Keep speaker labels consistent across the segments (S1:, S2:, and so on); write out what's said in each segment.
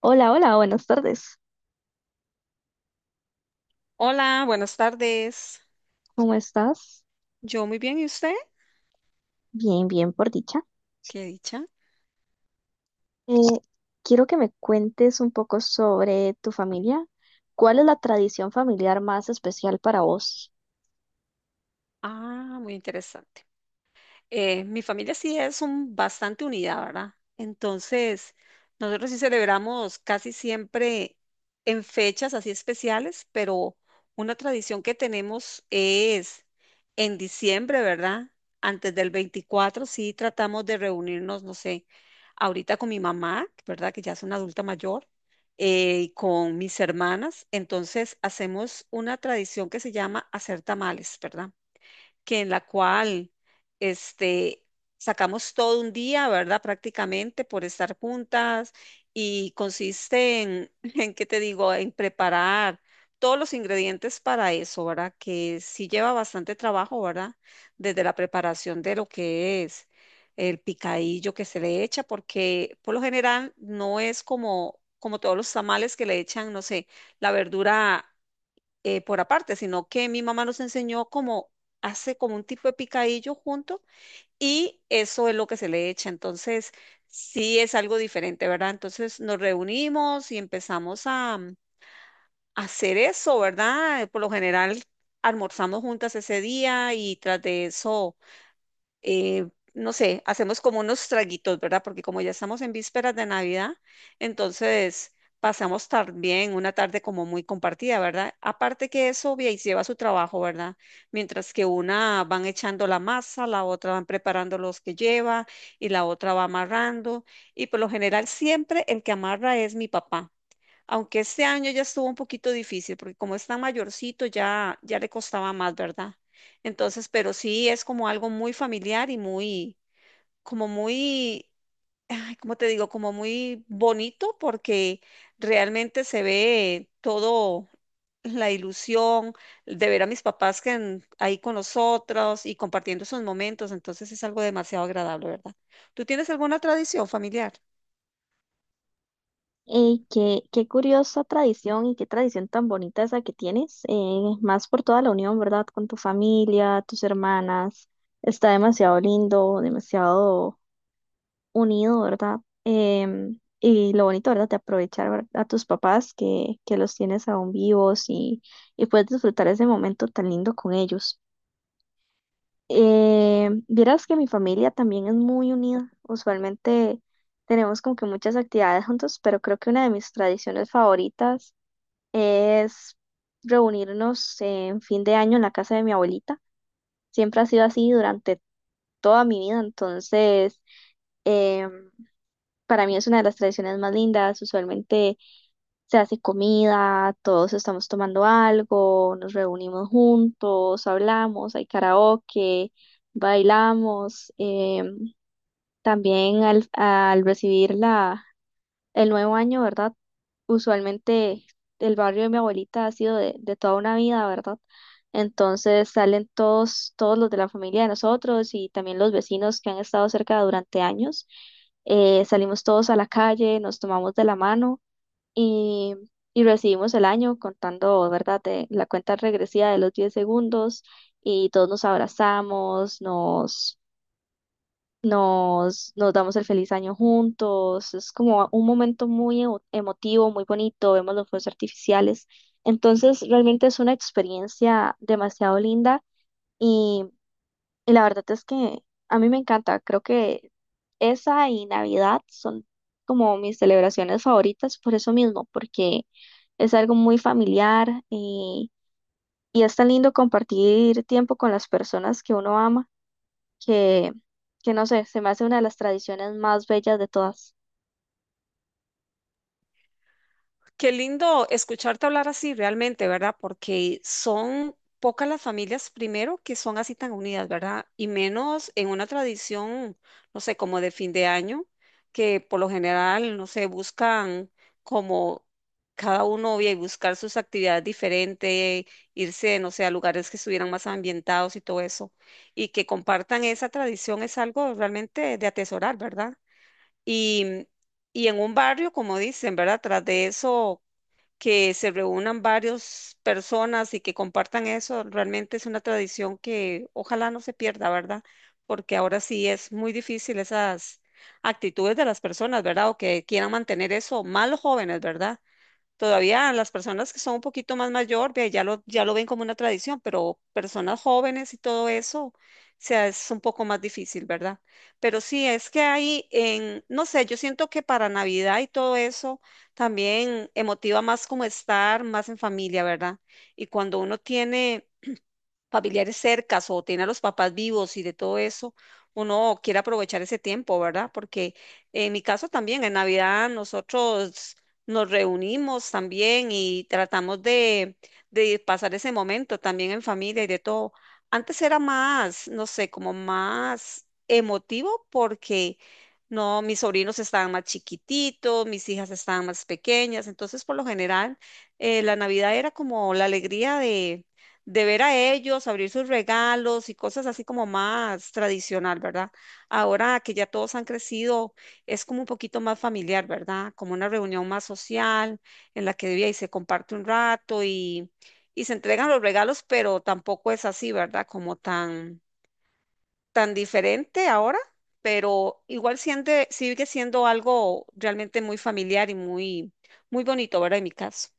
S1: Hola, hola, buenas tardes.
S2: Hola, buenas tardes.
S1: ¿Cómo estás?
S2: Yo muy bien, ¿y usted?
S1: Bien, bien, por dicha.
S2: Qué dicha.
S1: Eh, quiero que me cuentes un poco sobre tu familia. ¿Cuál es la tradición familiar más especial para vos?
S2: Ah, muy interesante. Mi familia sí es bastante unida, ¿verdad? Entonces, nosotros sí celebramos casi siempre en fechas así especiales, pero una tradición que tenemos es en diciembre, ¿verdad? Antes del 24 sí tratamos de reunirnos, no sé, ahorita con mi mamá, ¿verdad? Que ya es una adulta mayor, y con mis hermanas. Entonces, hacemos una tradición que se llama hacer tamales, ¿verdad? Que en la cual este, sacamos todo un día, ¿verdad? Prácticamente por estar juntas y consiste en, en, ¿qué te digo?, en preparar todos los ingredientes para eso, ¿verdad? Que sí lleva bastante trabajo, ¿verdad? Desde la preparación de lo que es el picadillo que se le echa, porque por lo general no es como como todos los tamales que le echan, no sé, la verdura por aparte, sino que mi mamá nos enseñó cómo hace como un tipo de picadillo junto y eso es lo que se le echa. Entonces, sí es algo diferente, ¿verdad? Entonces nos reunimos y empezamos a hacer eso, ¿verdad? Por lo general almorzamos juntas ese día y tras de eso eh, no sé, hacemos como unos traguitos, ¿verdad? Porque como ya estamos en vísperas de Navidad, entonces pasamos también una tarde como muy compartida, ¿verdad? Aparte que eso ve, y lleva su trabajo, ¿verdad? Mientras que una van echando la masa, la otra van preparando los que lleva y la otra va amarrando. Y por lo general siempre el que amarra es mi papá. Aunque este año ya estuvo un poquito difícil, porque como es tan mayorcito, ya, ya le costaba más, ¿verdad? Entonces, pero sí es como algo muy familiar y muy, como muy, ay, ¿cómo te digo? Como muy bonito, porque realmente se ve todo la ilusión de ver a mis papás que ahí con nosotros y compartiendo esos momentos. Entonces es algo demasiado agradable, ¿verdad? ¿Tú tienes alguna tradición familiar?
S1: Qué curiosa tradición y qué tradición tan bonita esa que tienes, más por toda la unión, ¿verdad? Con tu familia, tus hermanas. Está demasiado lindo, demasiado unido, ¿verdad? Y lo bonito, ¿verdad? De aprovechar a tus papás que los tienes aún vivos y puedes disfrutar ese momento tan lindo con ellos. Vieras que mi familia también es muy unida. Usualmente tenemos como que muchas actividades juntos, pero creo que una de mis tradiciones favoritas es reunirnos en fin de año en la casa de mi abuelita. Siempre ha sido así durante toda mi vida, entonces em, para mí es una de las tradiciones más lindas. Usualmente se hace comida, todos estamos tomando algo, nos reunimos juntos, hablamos, hay karaoke, bailamos. em, También al recibir el nuevo año, ¿verdad? Usualmente el barrio de mi abuelita ha sido de toda una vida, ¿verdad? Entonces salen todos, todos los de la familia de nosotros y también los vecinos que han estado cerca durante años. Salimos todos a la calle, nos tomamos de la mano y, y recibimos el año contando, ¿verdad? De la cuenta regresiva de los 10 segundos y todos nos abrazamos, nos damos el feliz año juntos, es como un momento muy emotivo, muy bonito, vemos los fuegos artificiales. Entonces, realmente es una experiencia demasiado linda y, y la verdad es que a mí me encanta. Creo que esa y Navidad son como mis celebraciones favoritas por eso mismo, porque es algo muy familiar y es tan lindo compartir tiempo con las personas que uno ama que, que no sé, se me hace una de las tradiciones más bellas de todas.
S2: Qué lindo escucharte hablar así realmente, ¿verdad? Porque son pocas las familias, primero, que son así tan unidas, ¿verdad? Y menos en una tradición, no sé, como de fin de año, que por lo general, no sé, buscan como cada uno y buscar sus actividades diferentes, irse, no sé, a lugares que estuvieran más ambientados y todo eso. Y que compartan esa tradición es algo realmente de atesorar, ¿verdad? Y, en un barrio, como dicen, ¿verdad? Tras de eso, que se reúnan varias personas y que compartan eso, realmente es una tradición que ojalá no se pierda, ¿verdad? Porque ahora sí es muy difícil esas actitudes de las personas, ¿verdad? O que quieran mantener eso, más los jóvenes, ¿verdad? Todavía las personas que son un poquito más mayor, ve, ya lo ven como una tradición, pero personas jóvenes y todo eso, o sea, es un poco más difícil, ¿verdad? Pero sí, es que hay en, no sé, yo siento que para Navidad y todo eso también emotiva más como estar más en familia, ¿verdad? Y cuando uno tiene familiares cercas o tiene a los papás vivos y de todo eso, uno quiere aprovechar ese tiempo, ¿verdad? Porque en mi caso también, en Navidad nosotros nos reunimos también y tratamos de pasar ese momento también en familia y de todo. Antes era más, no sé, como más emotivo porque No, mis sobrinos estaban más chiquititos, mis hijas estaban más pequeñas, entonces por lo general la Navidad era como la alegría de ver a ellos, abrir sus regalos y cosas así como más tradicional, ¿verdad? Ahora que ya todos han crecido, es como un poquito más familiar, ¿verdad? Como una reunión más social en la que y se comparte un rato y se entregan los regalos, pero tampoco es así, ¿verdad? Como tan, tan diferente ahora, pero igual sigue siendo algo realmente muy familiar y muy, muy bonito, ¿verdad? En mi caso.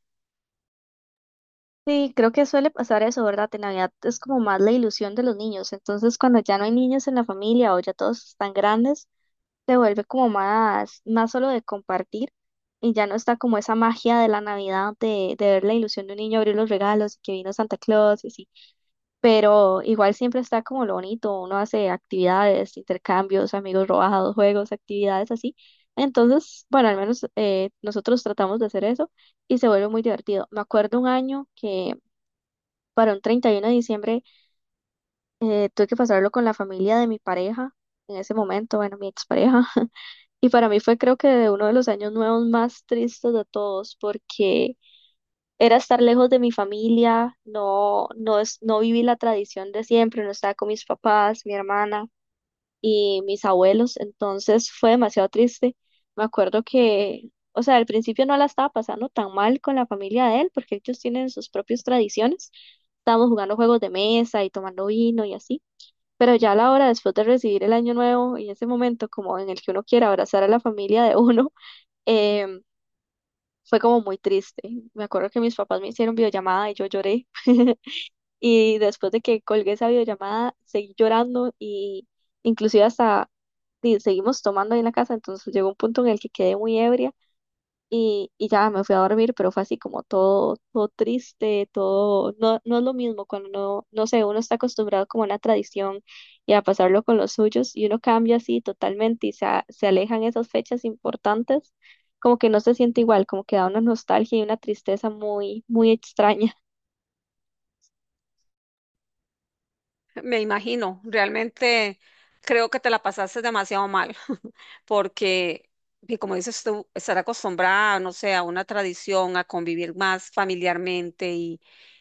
S1: Sí, creo que suele pasar eso, ¿verdad? En Navidad es como más la ilusión de los niños, entonces cuando ya no hay niños en la familia o ya todos están grandes, se vuelve como más, más solo de compartir y ya no está como esa magia de la Navidad de ver la ilusión de un niño abrir los regalos y que vino Santa Claus y así. Pero igual siempre está como lo bonito, uno hace actividades, intercambios, amigos robados, juegos, actividades así. Entonces, bueno, al menos nosotros tratamos de hacer eso y se vuelve muy divertido. Me acuerdo un año que para un 31 de diciembre tuve que pasarlo con la familia de mi pareja, en ese momento, bueno, mi expareja, y para mí fue creo que uno de los años nuevos más tristes de todos porque era estar lejos de mi familia, no, no, es, no viví la tradición de siempre, no estaba con mis papás, mi hermana y mis abuelos, entonces fue demasiado triste. Me acuerdo que, o sea, al principio no la estaba pasando tan mal con la familia de él, porque ellos tienen sus propias tradiciones. Estábamos jugando juegos de mesa y tomando vino y así. Pero ya a la hora, después de recibir el año nuevo y ese momento como en el que uno quiere abrazar a la familia de uno, em, fue como muy triste. Me acuerdo que mis papás me hicieron videollamada y yo lloré. Y después de que colgué esa videollamada, seguí llorando y inclusive hasta y seguimos tomando ahí en la casa. Entonces llegó un punto en el que quedé muy ebria y ya me fui a dormir, pero fue así como todo, todo triste, todo, no, no es lo mismo cuando no sé, uno está acostumbrado como a una tradición y a pasarlo con los suyos y uno cambia así totalmente y se alejan esas fechas importantes, como que no se siente igual, como que da una nostalgia y una tristeza muy, muy extraña.
S2: Me imagino, realmente creo que te la pasaste demasiado mal, porque, y como dices tú, estar acostumbrada, no sé, a una tradición, a convivir más familiarmente y,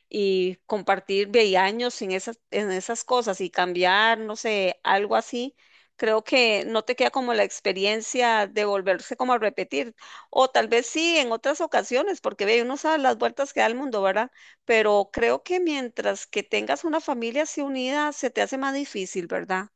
S2: y compartir ve, años en esas cosas y cambiar, no sé, algo así, creo que no te queda como la experiencia de volverse como a repetir, o tal vez sí en otras ocasiones, porque ve, uno sabe las vueltas que da el mundo, ¿verdad? Pero creo que mientras que tengas una familia así unida, se te hace más difícil, ¿verdad?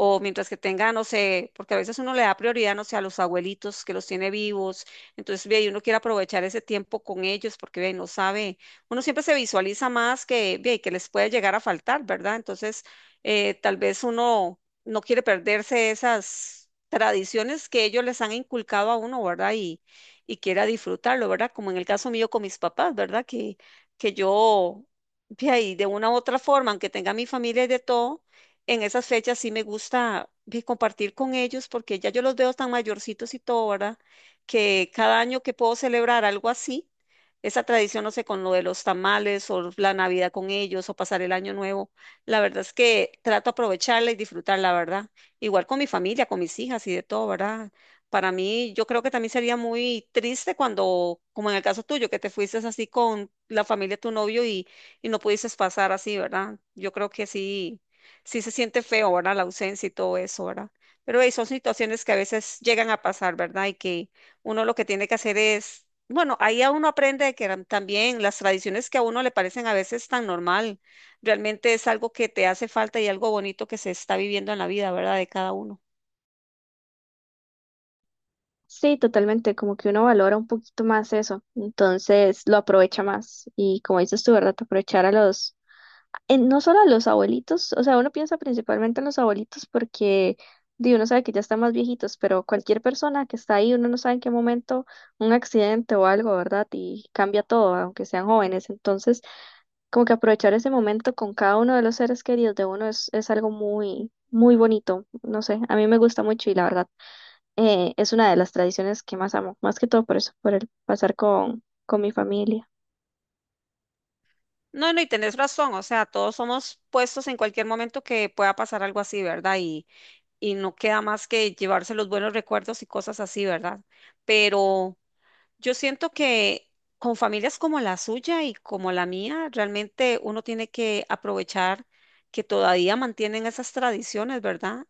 S2: O mientras que tenga, no sé, porque a veces uno le da prioridad, no sé, a los abuelitos que los tiene vivos, entonces ve, y uno quiere aprovechar ese tiempo con ellos porque ve, no sabe, uno siempre se visualiza más que, ve, que les puede llegar a faltar, ¿verdad? Entonces, tal vez uno no quiere perderse esas tradiciones que ellos les han inculcado a uno, ¿verdad? Y quiera disfrutarlo, ¿verdad? Como en el caso mío con mis papás, ¿verdad? Que yo, ve ahí, de una u otra forma, aunque tenga mi familia y de todo, en esas fechas sí me gusta compartir con ellos porque ya yo los veo tan mayorcitos y todo, ¿verdad? Que cada año que puedo celebrar algo así, esa tradición, no sé, con lo de los tamales o la Navidad con ellos o pasar el año nuevo, la verdad es que trato de aprovecharla y disfrutarla, ¿verdad? Igual con mi familia, con mis hijas y de todo, ¿verdad? Para mí, yo creo que también sería muy triste cuando, como en el caso tuyo, que te fuiste así con la familia de tu novio y, no pudiste pasar así, ¿verdad? Yo creo que sí sí se siente feo, ¿verdad? La ausencia y todo eso, ¿verdad? Pero hey, son situaciones que a veces llegan a pasar, ¿verdad? Y que uno lo que tiene que hacer es, bueno, ahí a uno aprende de que eran también las tradiciones que a uno le parecen a veces tan normal, realmente es algo que te hace falta y algo bonito que se está viviendo en la vida, ¿verdad? De cada uno.
S1: Sí, totalmente, como que uno valora un poquito más eso, entonces lo aprovecha más y como dices tú, ¿verdad? Aprovechar a los no solo a los abuelitos, o sea, uno piensa principalmente en los abuelitos porque di, uno sabe que ya están más viejitos, pero cualquier persona que está ahí, uno no sabe en qué momento un accidente o algo, ¿verdad? Y cambia todo, aunque sean jóvenes. Entonces, como que aprovechar ese momento con cada uno de los seres queridos de uno es algo muy, muy bonito. No sé, a mí me gusta mucho y la verdad, es una de las tradiciones que más amo, más que todo por eso, por el pasar con mi familia.
S2: No, no, y tenés razón, o sea, todos somos puestos en cualquier momento que pueda pasar algo así, ¿verdad? Y no queda más que llevarse los buenos recuerdos y cosas así, ¿verdad? Pero Yo siento que con familias como la suya y como la mía, realmente uno tiene que aprovechar que todavía mantienen esas tradiciones, ¿verdad?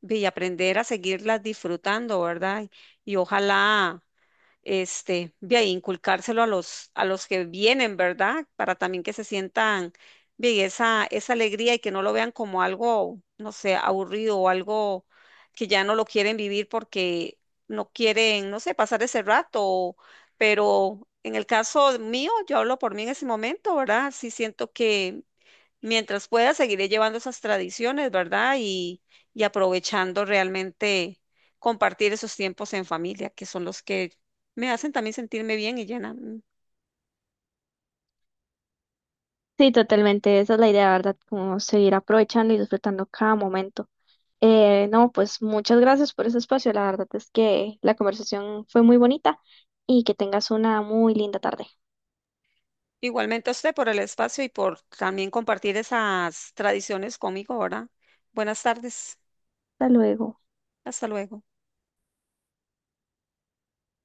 S2: Ve, Y aprender a seguirlas disfrutando, ¿verdad? Y ojalá este, de ahí inculcárselo a los, que vienen, ¿verdad? Para también que se sientan bien esa, esa alegría y que no lo vean como algo, no sé, aburrido o algo que ya no lo quieren vivir porque no quieren, no sé, pasar ese rato. Pero en el caso mío, yo hablo por mí en ese momento, ¿verdad? Sí siento que mientras pueda, seguiré llevando esas tradiciones, ¿verdad? Y, aprovechando realmente compartir esos tiempos en familia, que son los que me hacen también sentirme bien y llena.
S1: Sí, totalmente, esa es la idea, ¿verdad? Como seguir aprovechando y disfrutando cada momento. No, pues muchas gracias por ese espacio, la verdad es que la conversación fue muy bonita y que tengas una muy linda tarde.
S2: Igualmente a usted por el espacio y por también compartir esas tradiciones conmigo, ¿verdad? Buenas tardes.
S1: Hasta luego.
S2: Hasta luego.